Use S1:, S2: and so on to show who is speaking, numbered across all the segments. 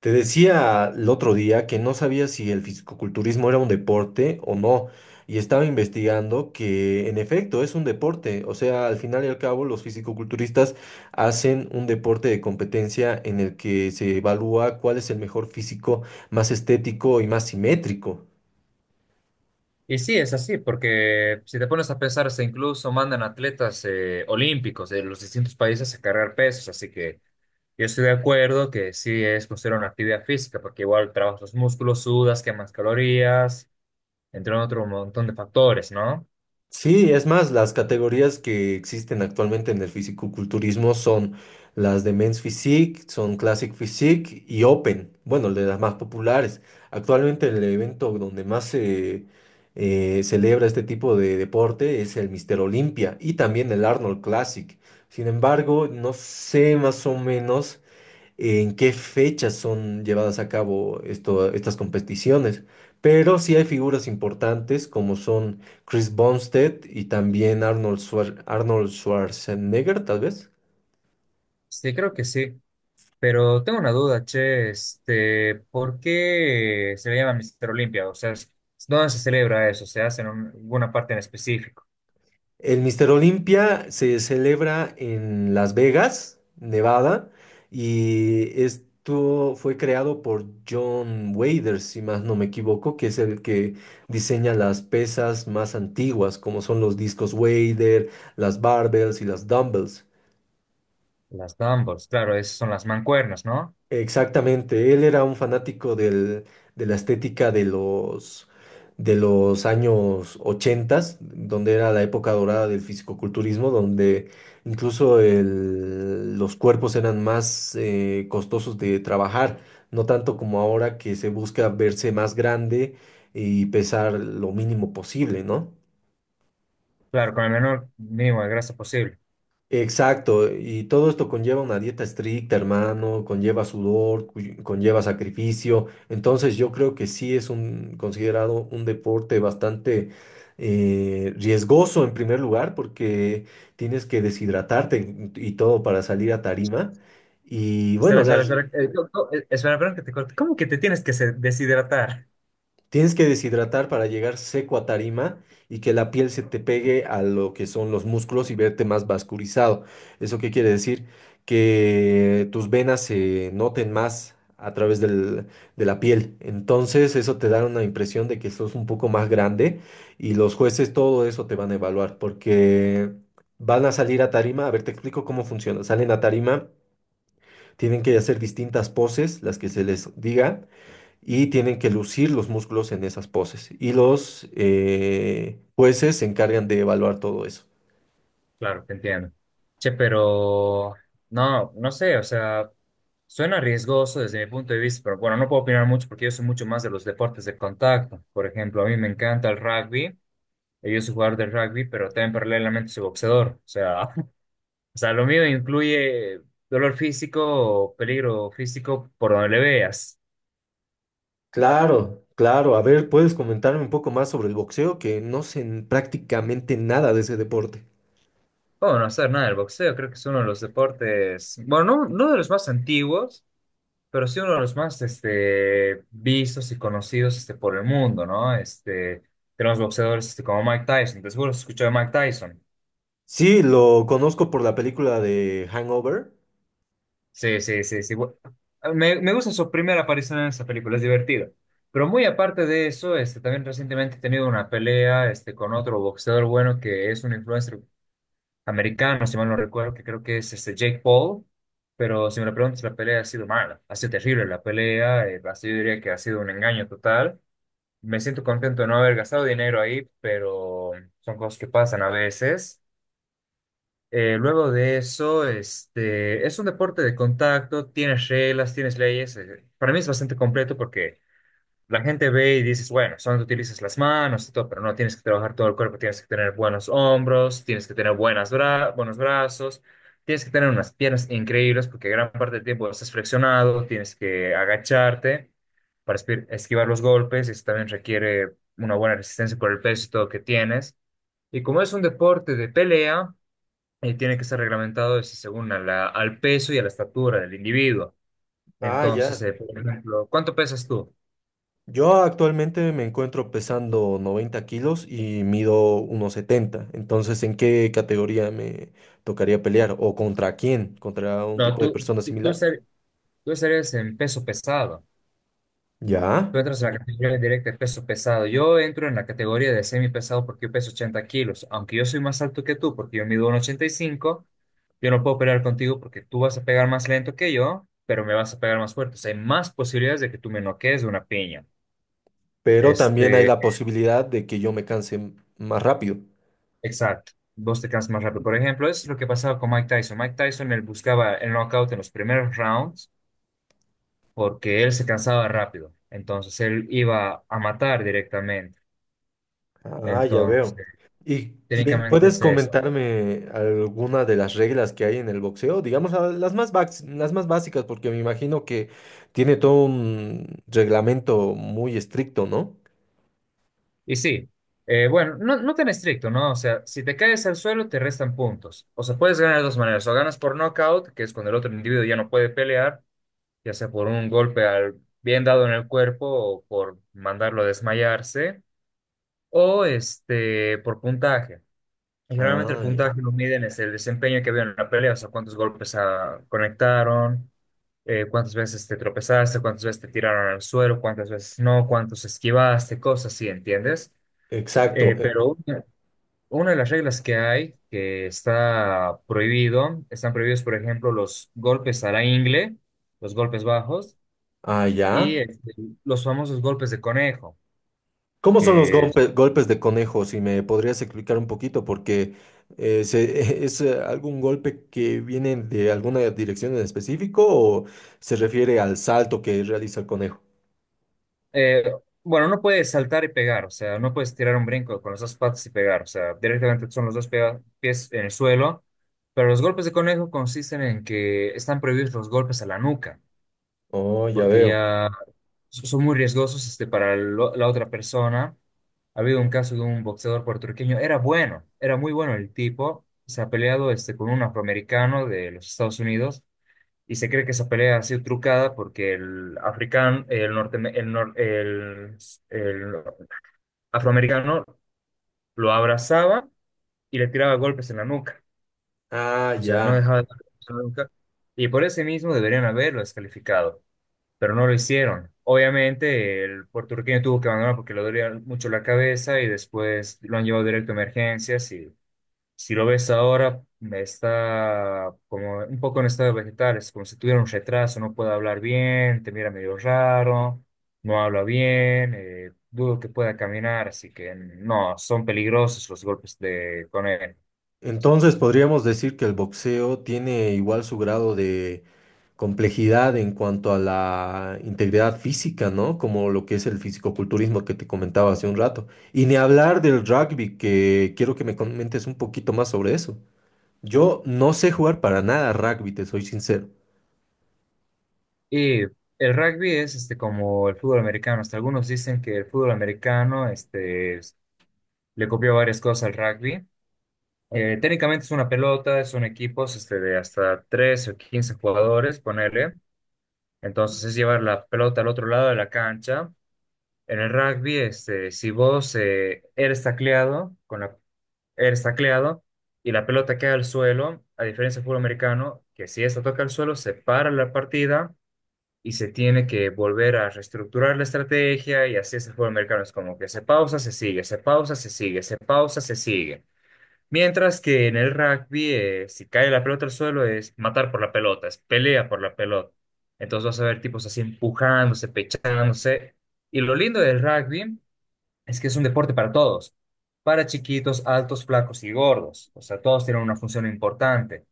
S1: Te decía el otro día que no sabía si el fisicoculturismo era un deporte o no, y estaba investigando que en efecto es un deporte, o sea, al final y al cabo los fisicoculturistas hacen un deporte de competencia en el que se evalúa cuál es el mejor físico más estético y más simétrico.
S2: Y sí, es así, porque si te pones a pensar, se incluso mandan atletas olímpicos de los distintos países a cargar pesos, así que yo estoy de acuerdo que sí es considerada una actividad física, porque igual trabajas los músculos, sudas, quemas calorías, entre otro montón de factores, ¿no?
S1: Sí, es más, las categorías que existen actualmente en el fisicoculturismo son las de Men's Physique, son Classic Physique y Open, bueno, de las más populares. Actualmente el evento donde más se celebra este tipo de deporte es el Mister Olympia y también el Arnold Classic. Sin embargo, no sé más o menos en qué fechas son llevadas a cabo estas competiciones. Pero sí hay figuras importantes como son Chris Bumstead y también Arnold Schwarzenegger, tal vez.
S2: Sí, creo que sí, pero tengo una duda, che, ¿por qué se le llama Mister Olimpia? O sea, ¿dónde se celebra eso? ¿Se hace en alguna parte en específico?
S1: El Mister Olympia se celebra en Las Vegas, Nevada, y esto fue creado por John Wader, si más no me equivoco, que es el que diseña las pesas más antiguas, como son los discos Wader, las barbells y las dumbbells.
S2: Las dumbbells, claro, esas son las mancuernas, ¿no?
S1: Exactamente, él era un fanático de la estética de los años ochentas, donde era la época dorada del fisicoculturismo, donde incluso los cuerpos eran más costosos de trabajar, no tanto como ahora que se busca verse más grande y pesar lo mínimo posible, ¿no?
S2: Claro, con el menor mínimo de grasa posible.
S1: Exacto, y todo esto conlleva una dieta estricta, hermano, conlleva sudor, conlleva sacrificio. Entonces yo creo que sí es un considerado un deporte bastante riesgoso en primer lugar, porque tienes que deshidratarte y todo para salir a tarima. Y
S2: Espera,
S1: bueno,
S2: espera,
S1: las.
S2: espera. Espera, espera que te corte. ¿Cómo que te tienes que deshidratar?
S1: Tienes que deshidratar para llegar seco a tarima y que la piel se te pegue a lo que son los músculos y verte más vascularizado. ¿Eso qué quiere decir? Que tus venas se noten más a través de la piel. Entonces eso te da una impresión de que sos un poco más grande y los jueces todo eso te van a evaluar porque van a salir a tarima. A ver, te explico cómo funciona. Salen a tarima, tienen que hacer distintas poses, las que se les diga y tienen que lucir los músculos en esas poses. Y los jueces se encargan de evaluar todo eso.
S2: Claro, te entiendo. Che, pero no, no sé, o sea, suena riesgoso desde mi punto de vista, pero bueno, no puedo opinar mucho porque yo soy mucho más de los deportes de contacto. Por ejemplo, a mí me encanta el rugby. Yo soy jugador de rugby, pero también paralelamente soy boxeador. O sea, o sea, lo mío incluye dolor físico o peligro físico por donde le veas.
S1: Claro, claro. A ver, ¿puedes comentarme un poco más sobre el boxeo? Que prácticamente nada de ese deporte.
S2: Bueno, hacer nada, el boxeo creo que es uno de los deportes, bueno, no, no de los más antiguos, pero sí uno de los más vistos y conocidos por el mundo, ¿no? Tenemos boxeadores como Mike Tyson, te seguro has escuchado de Mike Tyson.
S1: Sí, lo conozco por la película de Hangover.
S2: Sí, sí, sí, sí. Me gusta su primera aparición en esa película, es divertido. Pero muy aparte de eso, también recientemente he tenido una pelea con otro boxeador bueno que es un influencer americano, si mal no recuerdo, que creo que es Jake Paul, pero si me lo preguntas, la pelea ha sido mala, ha sido terrible la pelea. Así yo diría que ha sido un engaño total. Me siento contento de no haber gastado dinero ahí, pero son cosas que pasan a veces. Luego de eso, es un deporte de contacto, tienes reglas, tienes leyes. Para mí es bastante completo porque la gente ve y dices, bueno, solo utilizas las manos y todo, pero no tienes que trabajar todo el cuerpo, tienes que tener buenos hombros, tienes que tener buenos brazos, tienes que tener unas piernas increíbles porque gran parte del tiempo estás flexionado, tienes que agacharte para esquivar los golpes, eso también requiere una buena resistencia por el peso y todo que tienes. Y como es un deporte de pelea, tiene que ser reglamentado es según a al peso y a la estatura del individuo.
S1: Ah,
S2: Entonces,
S1: ya.
S2: por ejemplo, ¿cuánto pesas tú?
S1: Yo actualmente me encuentro pesando 90 kilos y mido 1,70. Entonces, ¿en qué categoría me tocaría pelear? ¿O contra quién? ¿Contra un
S2: No,
S1: tipo de persona
S2: tú,
S1: similar?
S2: Tú eres en peso pesado.
S1: Ya.
S2: Tú entras en la, sí, categoría directa de peso pesado. Yo entro en la categoría de semi pesado porque yo peso 80 kilos. Aunque yo soy más alto que tú porque yo mido 1,85, yo no puedo pelear contigo porque tú vas a pegar más lento que yo, pero me vas a pegar más fuerte. O sea, hay más posibilidades de que tú me noquees de una piña.
S1: Pero también hay
S2: Este,
S1: la posibilidad de que yo me más rápido.
S2: exacto. Vos te cansas más rápido. Por ejemplo, eso es lo que pasaba con Mike Tyson. Mike Tyson, él buscaba el knockout en los primeros rounds porque él se cansaba rápido. Entonces, él iba a matar directamente.
S1: Ah, ya veo.
S2: Entonces,
S1: ¿
S2: técnicamente
S1: Puedes
S2: es eso.
S1: comentarme alguna de las reglas que hay en el boxeo? Digamos, las más, las más básicas, porque me imagino que tiene todo un reglamento muy estricto, ¿no?
S2: Y sí, bueno, no, no tan estricto, ¿no? O sea, si te caes al suelo, te restan puntos. O sea, puedes ganar de dos maneras. O ganas por knockout, que es cuando el otro individuo ya no puede pelear, ya sea por un golpe bien dado en el cuerpo o por mandarlo a desmayarse, o por puntaje. Y generalmente el
S1: Ah, ya.
S2: puntaje lo miden es el desempeño que había en la pelea, o sea, cuántos golpes conectaron, cuántas veces te tropezaste, cuántas veces te tiraron al suelo, cuántas veces no, cuántos esquivaste, cosas así, ¿entiendes?
S1: Exacto.
S2: Pero una de las reglas que hay, que está prohibido, están prohibidos, por ejemplo, los golpes a la ingle, los golpes bajos
S1: Ah,
S2: y
S1: ya.
S2: los famosos golpes de conejo.
S1: ¿Cómo son los
S2: Que
S1: golpes de conejo? Si me podrías explicar un poquito, porque ¿es algún golpe que viene de alguna dirección en específico o se refiere al salto que realiza el conejo?
S2: Eh, bueno, no puedes saltar y pegar, o sea, no puedes tirar un brinco con las dos patas y pegar, o sea, directamente son los dos pies en el suelo, pero los golpes de conejo consisten en que están prohibidos los golpes a la nuca,
S1: Oh, ya
S2: porque
S1: veo.
S2: ya son muy riesgosos para la otra persona. Ha habido un caso de un boxeador puertorriqueño, era bueno, era muy bueno el tipo, se ha peleado con un afroamericano de los Estados Unidos y se cree que esa pelea ha sido trucada porque el africano, el, norte, el, nor- el afroamericano lo abrazaba y le tiraba golpes en la nuca.
S1: Ah,
S2: O sea, no
S1: ya.
S2: dejaba de darle golpes en la nuca. Y por ese mismo deberían haberlo descalificado, pero no lo hicieron. Obviamente, el puertorriqueño tuvo que abandonar porque le dolía mucho la cabeza y después lo han llevado directo a emergencias. Si lo ves ahora, está como un poco en estado vegetal, es como si tuviera un retraso, no puede hablar bien, te mira medio raro, no habla bien, dudo que pueda caminar, así que no, son peligrosos los golpes con él.
S1: Entonces podríamos decir que el boxeo tiene igual su grado de complejidad en cuanto a la integridad física, ¿no? Como lo que es el fisicoculturismo que te comentaba hace un rato. Y ni hablar del rugby, que quiero que me comentes un poquito más sobre eso. Yo no sé jugar para nada rugby, te soy sincero.
S2: Y el rugby es como el fútbol americano, hasta algunos dicen que el fútbol americano le copió varias cosas al rugby. Técnicamente es una pelota, son equipos de hasta 3 o 15 jugadores, ponele. Entonces es llevar la pelota al otro lado de la cancha. En el rugby, si vos eres tacleado y la pelota queda al suelo, a diferencia del fútbol americano, que si esta toca al suelo, se para la partida y se tiene que volver a reestructurar la estrategia y así es el fútbol americano. Es como que se pausa, se sigue, se pausa, se sigue, se pausa, se sigue. Mientras que en el rugby, si cae la pelota al suelo, es matar por la pelota, es pelea por la pelota. Entonces vas a ver tipos así empujándose, pechándose. Y lo lindo del rugby es que es un deporte para todos, para chiquitos, altos, flacos y gordos. O sea, todos tienen una función importante.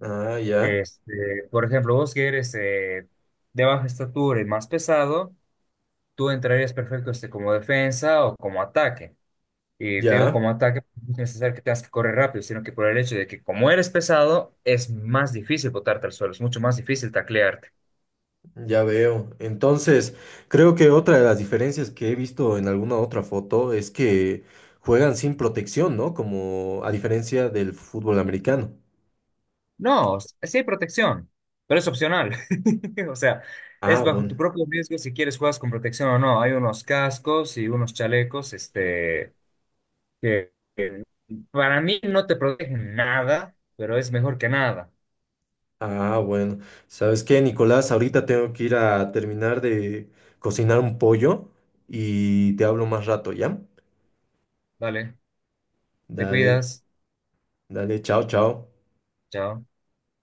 S1: Ah, ya,
S2: Por ejemplo, vos que eres de baja estatura y más pesado, tú entrarías perfecto como defensa o como ataque. Y te digo,
S1: ya,
S2: como ataque, no es necesario que tengas que correr rápido, sino que por el hecho de que como eres pesado, es más difícil botarte al suelo, es mucho más difícil taclearte.
S1: ya veo. Entonces, creo que otra de las diferencias que he visto en alguna otra foto es que juegan sin protección, ¿no? Como a diferencia del fútbol americano.
S2: No, sí hay protección, pero es opcional. O sea, es
S1: Ah,
S2: bajo tu
S1: bueno,
S2: propio riesgo si quieres juegas con protección o no. Hay unos cascos y unos chalecos, que para mí no te protegen nada, pero es mejor que nada.
S1: ah, bueno. ¿Sabes qué, Nicolás? Ahorita tengo que ir a terminar de cocinar un pollo y te hablo más rato, ¿ya?
S2: Vale, te
S1: Dale,
S2: cuidas,
S1: dale, chao, chao.
S2: chao.